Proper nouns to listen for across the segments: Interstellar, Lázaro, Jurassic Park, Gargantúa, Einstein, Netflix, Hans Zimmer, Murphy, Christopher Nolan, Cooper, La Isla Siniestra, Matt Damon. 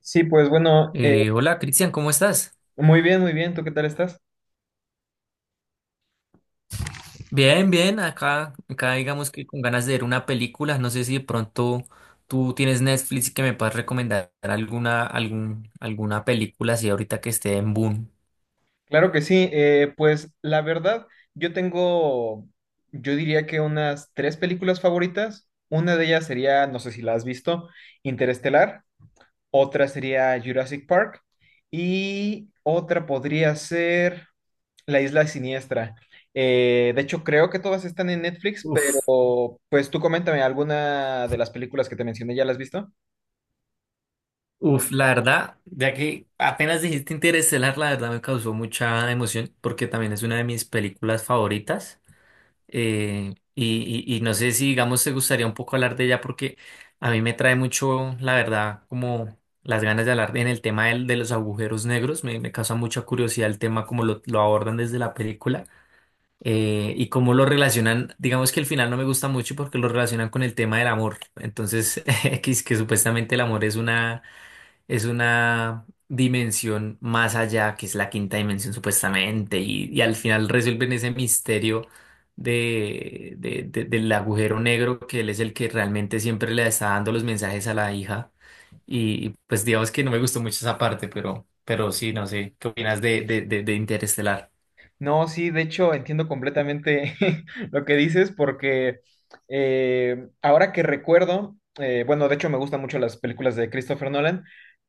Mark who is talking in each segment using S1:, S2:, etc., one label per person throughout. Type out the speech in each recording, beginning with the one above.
S1: Sí, pues bueno,
S2: Hola Cristian, ¿cómo estás?
S1: muy bien, muy bien. ¿Tú qué tal estás?
S2: Bien, bien, acá digamos que con ganas de ver una película, no sé si de pronto tú tienes Netflix y que me puedas recomendar alguna, algún, alguna película así ahorita que esté en boom.
S1: Claro que sí. Pues la verdad, yo tengo, yo diría que unas tres películas favoritas. Una de ellas sería, no sé si la has visto, Interestelar. Otra sería Jurassic Park. Y otra podría ser La Isla Siniestra. De hecho, creo que todas están en Netflix,
S2: Uf,
S1: pero pues tú coméntame, ¿alguna de las películas que te mencioné ya las has visto?
S2: uf, la verdad, ya que apenas dijiste Interestelar, la verdad me causó mucha emoción porque también es una de mis películas favoritas. Y, y no sé si, digamos, te gustaría un poco hablar de ella porque a mí me trae mucho, la verdad, como las ganas de hablar en el tema de los agujeros negros. Me causa mucha curiosidad el tema, como lo abordan desde la película y cómo lo relacionan. Digamos que el final no me gusta mucho porque lo relacionan con el tema del amor. Entonces, que, es que supuestamente el amor es una dimensión más allá, que es la quinta dimensión supuestamente, y al final resuelven ese misterio de, del agujero negro, que él es el que realmente siempre le está dando los mensajes a la hija. Y, pues digamos que no me gustó mucho esa parte, pero sí, no sé, ¿qué opinas de Interestelar?
S1: No, sí, de hecho entiendo completamente lo que dices porque ahora que recuerdo, bueno, de hecho me gustan mucho las películas de Christopher Nolan,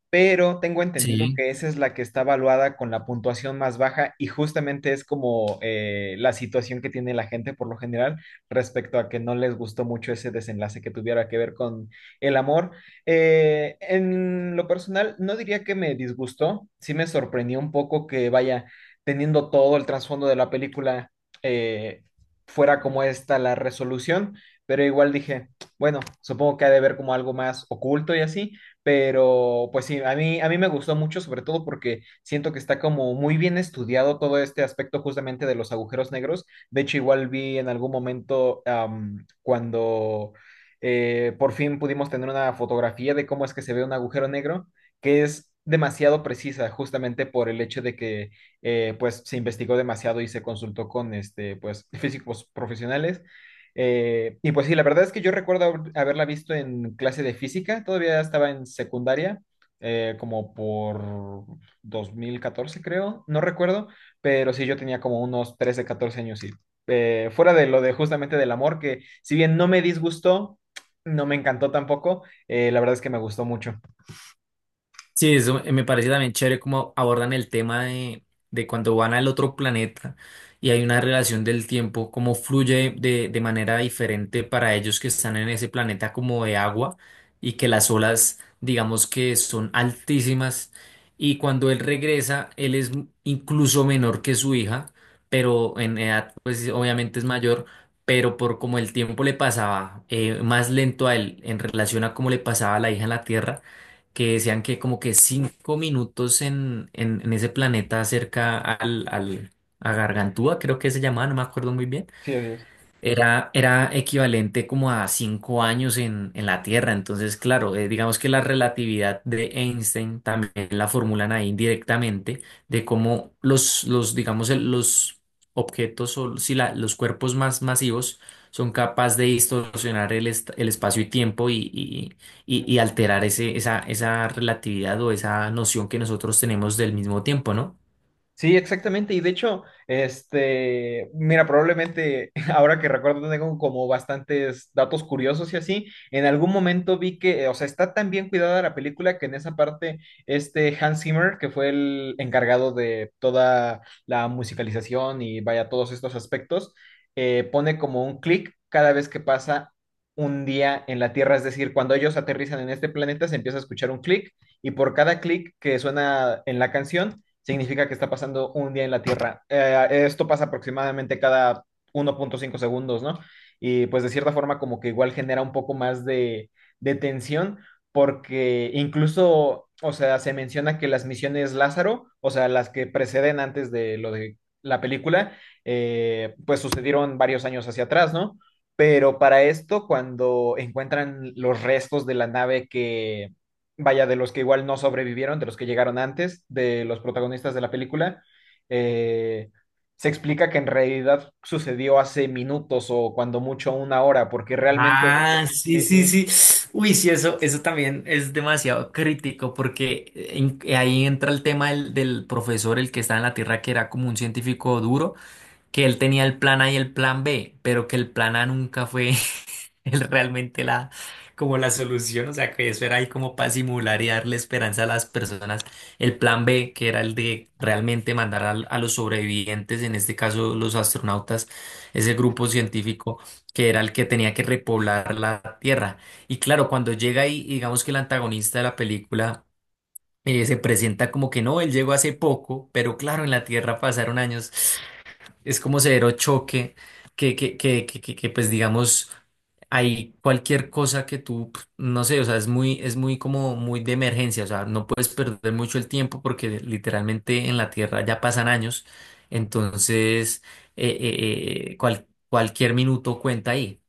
S1: pero tengo entendido
S2: Sí.
S1: que esa es la que está evaluada con la puntuación más baja y justamente es como la situación que tiene la gente por lo general respecto a que no les gustó mucho ese desenlace que tuviera que ver con el amor. En lo personal, no diría que me disgustó, sí me sorprendió un poco que vaya, teniendo todo el trasfondo de la película, eh, fuera como esta la resolución, pero igual dije, bueno, supongo que ha de ver como algo más oculto y así. Pero pues sí, a mí me gustó mucho, sobre todo porque siento que está como muy bien estudiado todo este aspecto justamente de los agujeros negros. De hecho, igual vi en algún momento cuando por fin pudimos tener una fotografía de cómo es que se ve un agujero negro, que es demasiado precisa justamente por el hecho de que pues se investigó demasiado y se consultó con este pues físicos profesionales, y pues sí, la verdad es que yo recuerdo haberla visto en clase de física, todavía estaba en secundaria, como por 2014 creo, no recuerdo, pero sí yo tenía como unos 13 14 años y, fuera de lo de justamente del amor, que si bien no me disgustó, no me encantó tampoco, la verdad es que me gustó mucho.
S2: Sí, eso me parece también chévere cómo abordan el tema de cuando van al otro planeta y hay una relación del tiempo, cómo fluye de manera diferente para ellos que están en ese planeta como de agua y que las olas, digamos que son altísimas, y cuando él regresa, él es incluso menor que su hija, pero en edad pues obviamente es mayor. Pero por como el tiempo le pasaba más lento a él en relación a cómo le pasaba a la hija en la Tierra, que decían que como que 5 minutos en, en ese planeta cerca al, al, a Gargantúa, creo que se llamaba, no me acuerdo muy bien,
S1: Sí, así es.
S2: era, era equivalente como a 5 años en la Tierra. Entonces, claro, digamos que la relatividad de Einstein también la formulan ahí directamente de cómo los digamos, los objetos o si los cuerpos más masivos son capaces de distorsionar el, el espacio y tiempo y, y alterar ese, esa relatividad o esa noción que nosotros tenemos del mismo tiempo, ¿no?
S1: Sí, exactamente. Y de hecho, este, mira, probablemente ahora que recuerdo tengo como bastantes datos curiosos y así, en algún momento vi que, o sea, está tan bien cuidada la película que en esa parte este Hans Zimmer, que fue el encargado de toda la musicalización y vaya todos estos aspectos, pone como un clic cada vez que pasa un día en la Tierra. Es decir, cuando ellos aterrizan en este planeta se empieza a escuchar un clic, y por cada clic que suena en la canción significa que está pasando un día en la Tierra. Esto pasa aproximadamente cada 1.5 segundos, ¿no? Y pues de cierta forma como que igual genera un poco más de tensión, porque incluso, o sea, se menciona que las misiones Lázaro, o sea, las que preceden antes de lo de la película, pues sucedieron varios años hacia atrás, ¿no? Pero para esto, cuando encuentran los restos de la nave que, vaya, de los que igual no sobrevivieron, de los que llegaron antes, de los protagonistas de la película, eh, se explica que en realidad sucedió hace minutos o cuando mucho una hora, porque realmente,
S2: Ah, sí,
S1: sí,
S2: sí,
S1: sí,
S2: sí. Uy, sí, eso también es demasiado crítico porque ahí entra el tema del, del profesor, el que está en la Tierra, que era como un científico duro, que él tenía el plan A y el plan B, pero que el plan A nunca fue, es realmente la, como la solución, o sea que eso era ahí como para simular y darle esperanza a las personas. El plan B, que era el de realmente mandar a los sobrevivientes, en este caso los astronautas, ese grupo científico que era el que tenía que repoblar la Tierra. Y claro, cuando llega ahí, digamos que el antagonista de la película… se presenta como que no, él llegó hace poco, pero claro, en la Tierra pasaron años. Es como severo choque que, pues digamos, hay cualquier cosa que tú, pf, no sé, o sea, es muy como muy de emergencia, o sea, no puedes perder mucho el tiempo porque literalmente en la Tierra ya pasan años, entonces cualquier minuto cuenta ahí.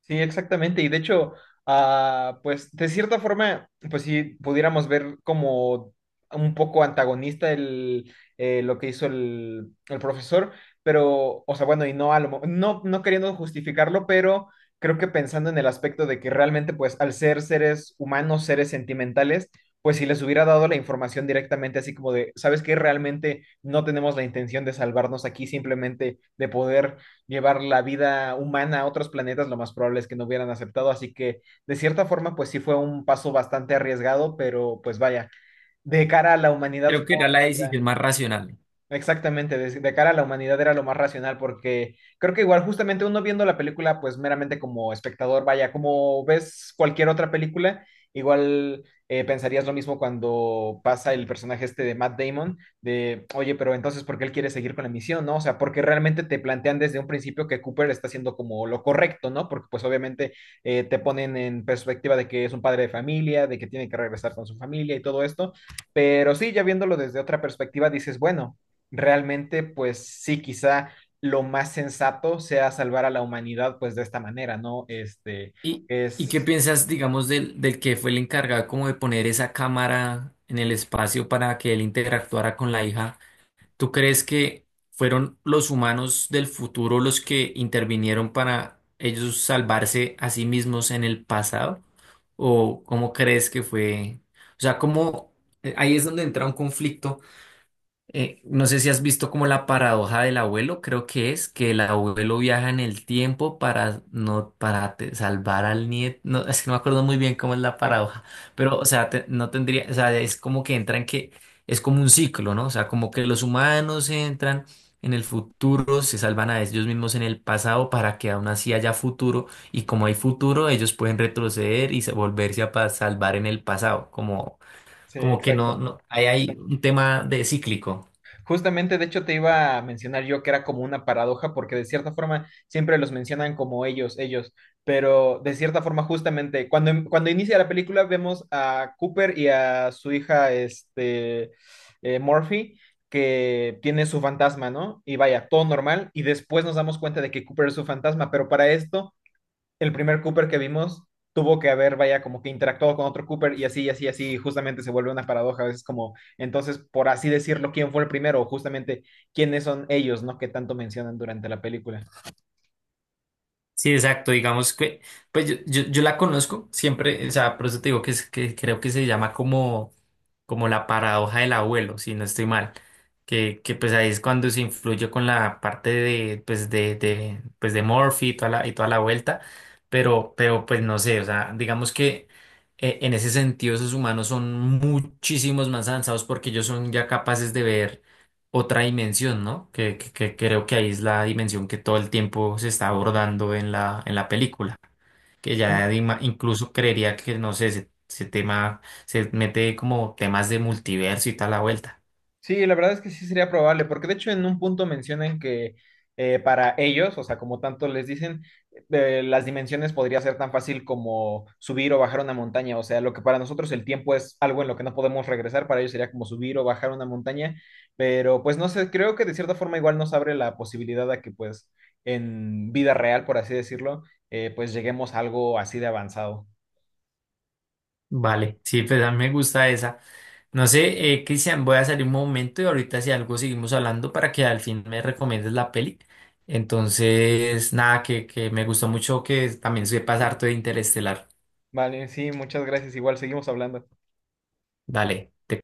S1: sí, exactamente. Y de hecho, ah, pues de cierta forma, pues si pudiéramos ver como un poco antagonista el, lo que hizo el profesor, pero, o sea, bueno, y no, no, no queriendo justificarlo, pero creo que pensando en el aspecto de que realmente, pues al ser seres humanos, seres sentimentales, pues si les hubiera dado la información directamente, así como de, ¿sabes qué? Realmente no tenemos la intención de salvarnos aquí, simplemente de poder llevar la vida humana a otros planetas, lo más probable es que no hubieran aceptado. Así que, de cierta forma, pues sí fue un paso bastante arriesgado, pero pues vaya, de cara a la humanidad,
S2: Creo que era
S1: supongo que
S2: la
S1: sí
S2: decisión
S1: era.
S2: más racional.
S1: Exactamente, de cara a la humanidad era lo más racional, porque creo que igual justamente uno viendo la película, pues meramente como espectador, vaya, como ves cualquier otra película, igual pensarías lo mismo cuando pasa el personaje este de Matt Damon, de, oye, pero entonces, ¿por qué él quiere seguir con la misión, no? O sea, porque realmente te plantean desde un principio que Cooper está haciendo como lo correcto, ¿no? Porque pues obviamente te ponen en perspectiva de que es un padre de familia, de que tiene que regresar con su familia y todo esto. Pero sí, ya viéndolo desde otra perspectiva, dices, bueno, realmente, pues sí, quizá lo más sensato sea salvar a la humanidad, pues de esta manera, ¿no? Este,
S2: ¿Y, y
S1: es...
S2: qué piensas, digamos, del, del que fue el encargado como de poner esa cámara en el espacio para que él interactuara con la hija? ¿Tú crees que fueron los humanos del futuro los que intervinieron para ellos salvarse a sí mismos en el pasado? ¿O cómo crees que fue? O sea, ¿cómo? Ahí es donde entra un conflicto. No sé si has visto como la paradoja del abuelo, creo que es que el abuelo viaja en el tiempo para no para salvar al nieto. No, es que no me acuerdo muy bien cómo es la
S1: eh,
S2: paradoja, pero o sea, no tendría, o sea, es como que entran que es como un ciclo, ¿no? O sea, como que los humanos entran en el futuro, se salvan a ellos mismos en el pasado para que aún así haya futuro, y como hay futuro, ellos pueden retroceder y volverse a salvar en el pasado, como
S1: sí,
S2: como que
S1: exacto.
S2: no, no, hay un tema de cíclico.
S1: Justamente, de hecho, te iba a mencionar yo que era como una paradoja, porque de cierta forma siempre los mencionan como ellos, pero de cierta forma, justamente, cuando, cuando inicia la película vemos a Cooper y a su hija, este, Murphy, que tiene su fantasma, ¿no? Y vaya, todo normal, y después nos damos cuenta de que Cooper es su fantasma, pero para esto el primer Cooper que vimos tuvo que haber, vaya, como que interactuado con otro Cooper y así, y así, y así, y justamente se vuelve una paradoja, a veces como, entonces, por así decirlo, ¿quién fue el primero? O justamente, ¿quiénes son ellos, no? Que tanto mencionan durante la película.
S2: Sí, exacto, digamos que, pues yo la conozco siempre, o sea, por eso te digo que, es, que creo que se llama como como la paradoja del abuelo, si no estoy mal, que pues ahí es cuando se influye con la parte de, pues de Murphy y toda la vuelta, pero pues no sé, o sea, digamos que en ese sentido esos humanos son muchísimos más avanzados porque ellos son ya capaces de ver otra dimensión, ¿no? Que creo que ahí es la dimensión que todo el tiempo se está abordando en la película, que
S1: Sí,
S2: ya de incluso creería que, no sé, ese tema se mete como temas de multiverso y tal la vuelta.
S1: sí, la verdad es que sí sería probable, porque de hecho en un punto mencionan que para ellos, o sea, como tanto les dicen, las dimensiones podría ser tan fácil como subir o bajar una montaña, o sea, lo que para nosotros el tiempo es algo en lo que no podemos regresar, para ellos sería como subir o bajar una montaña, pero pues no sé, creo que de cierta forma igual nos abre la posibilidad a que pues en vida real, por así decirlo, pues lleguemos a algo así de avanzado.
S2: Vale, sí, pues a mí me gusta esa. No sé, Cristian, voy a salir un momento y ahorita si algo seguimos hablando para que al fin me recomiendes la peli. Entonces, nada, que me gustó mucho que también sepas harto de Interestelar.
S1: Vale, sí, muchas gracias, igual seguimos hablando.
S2: Dale, te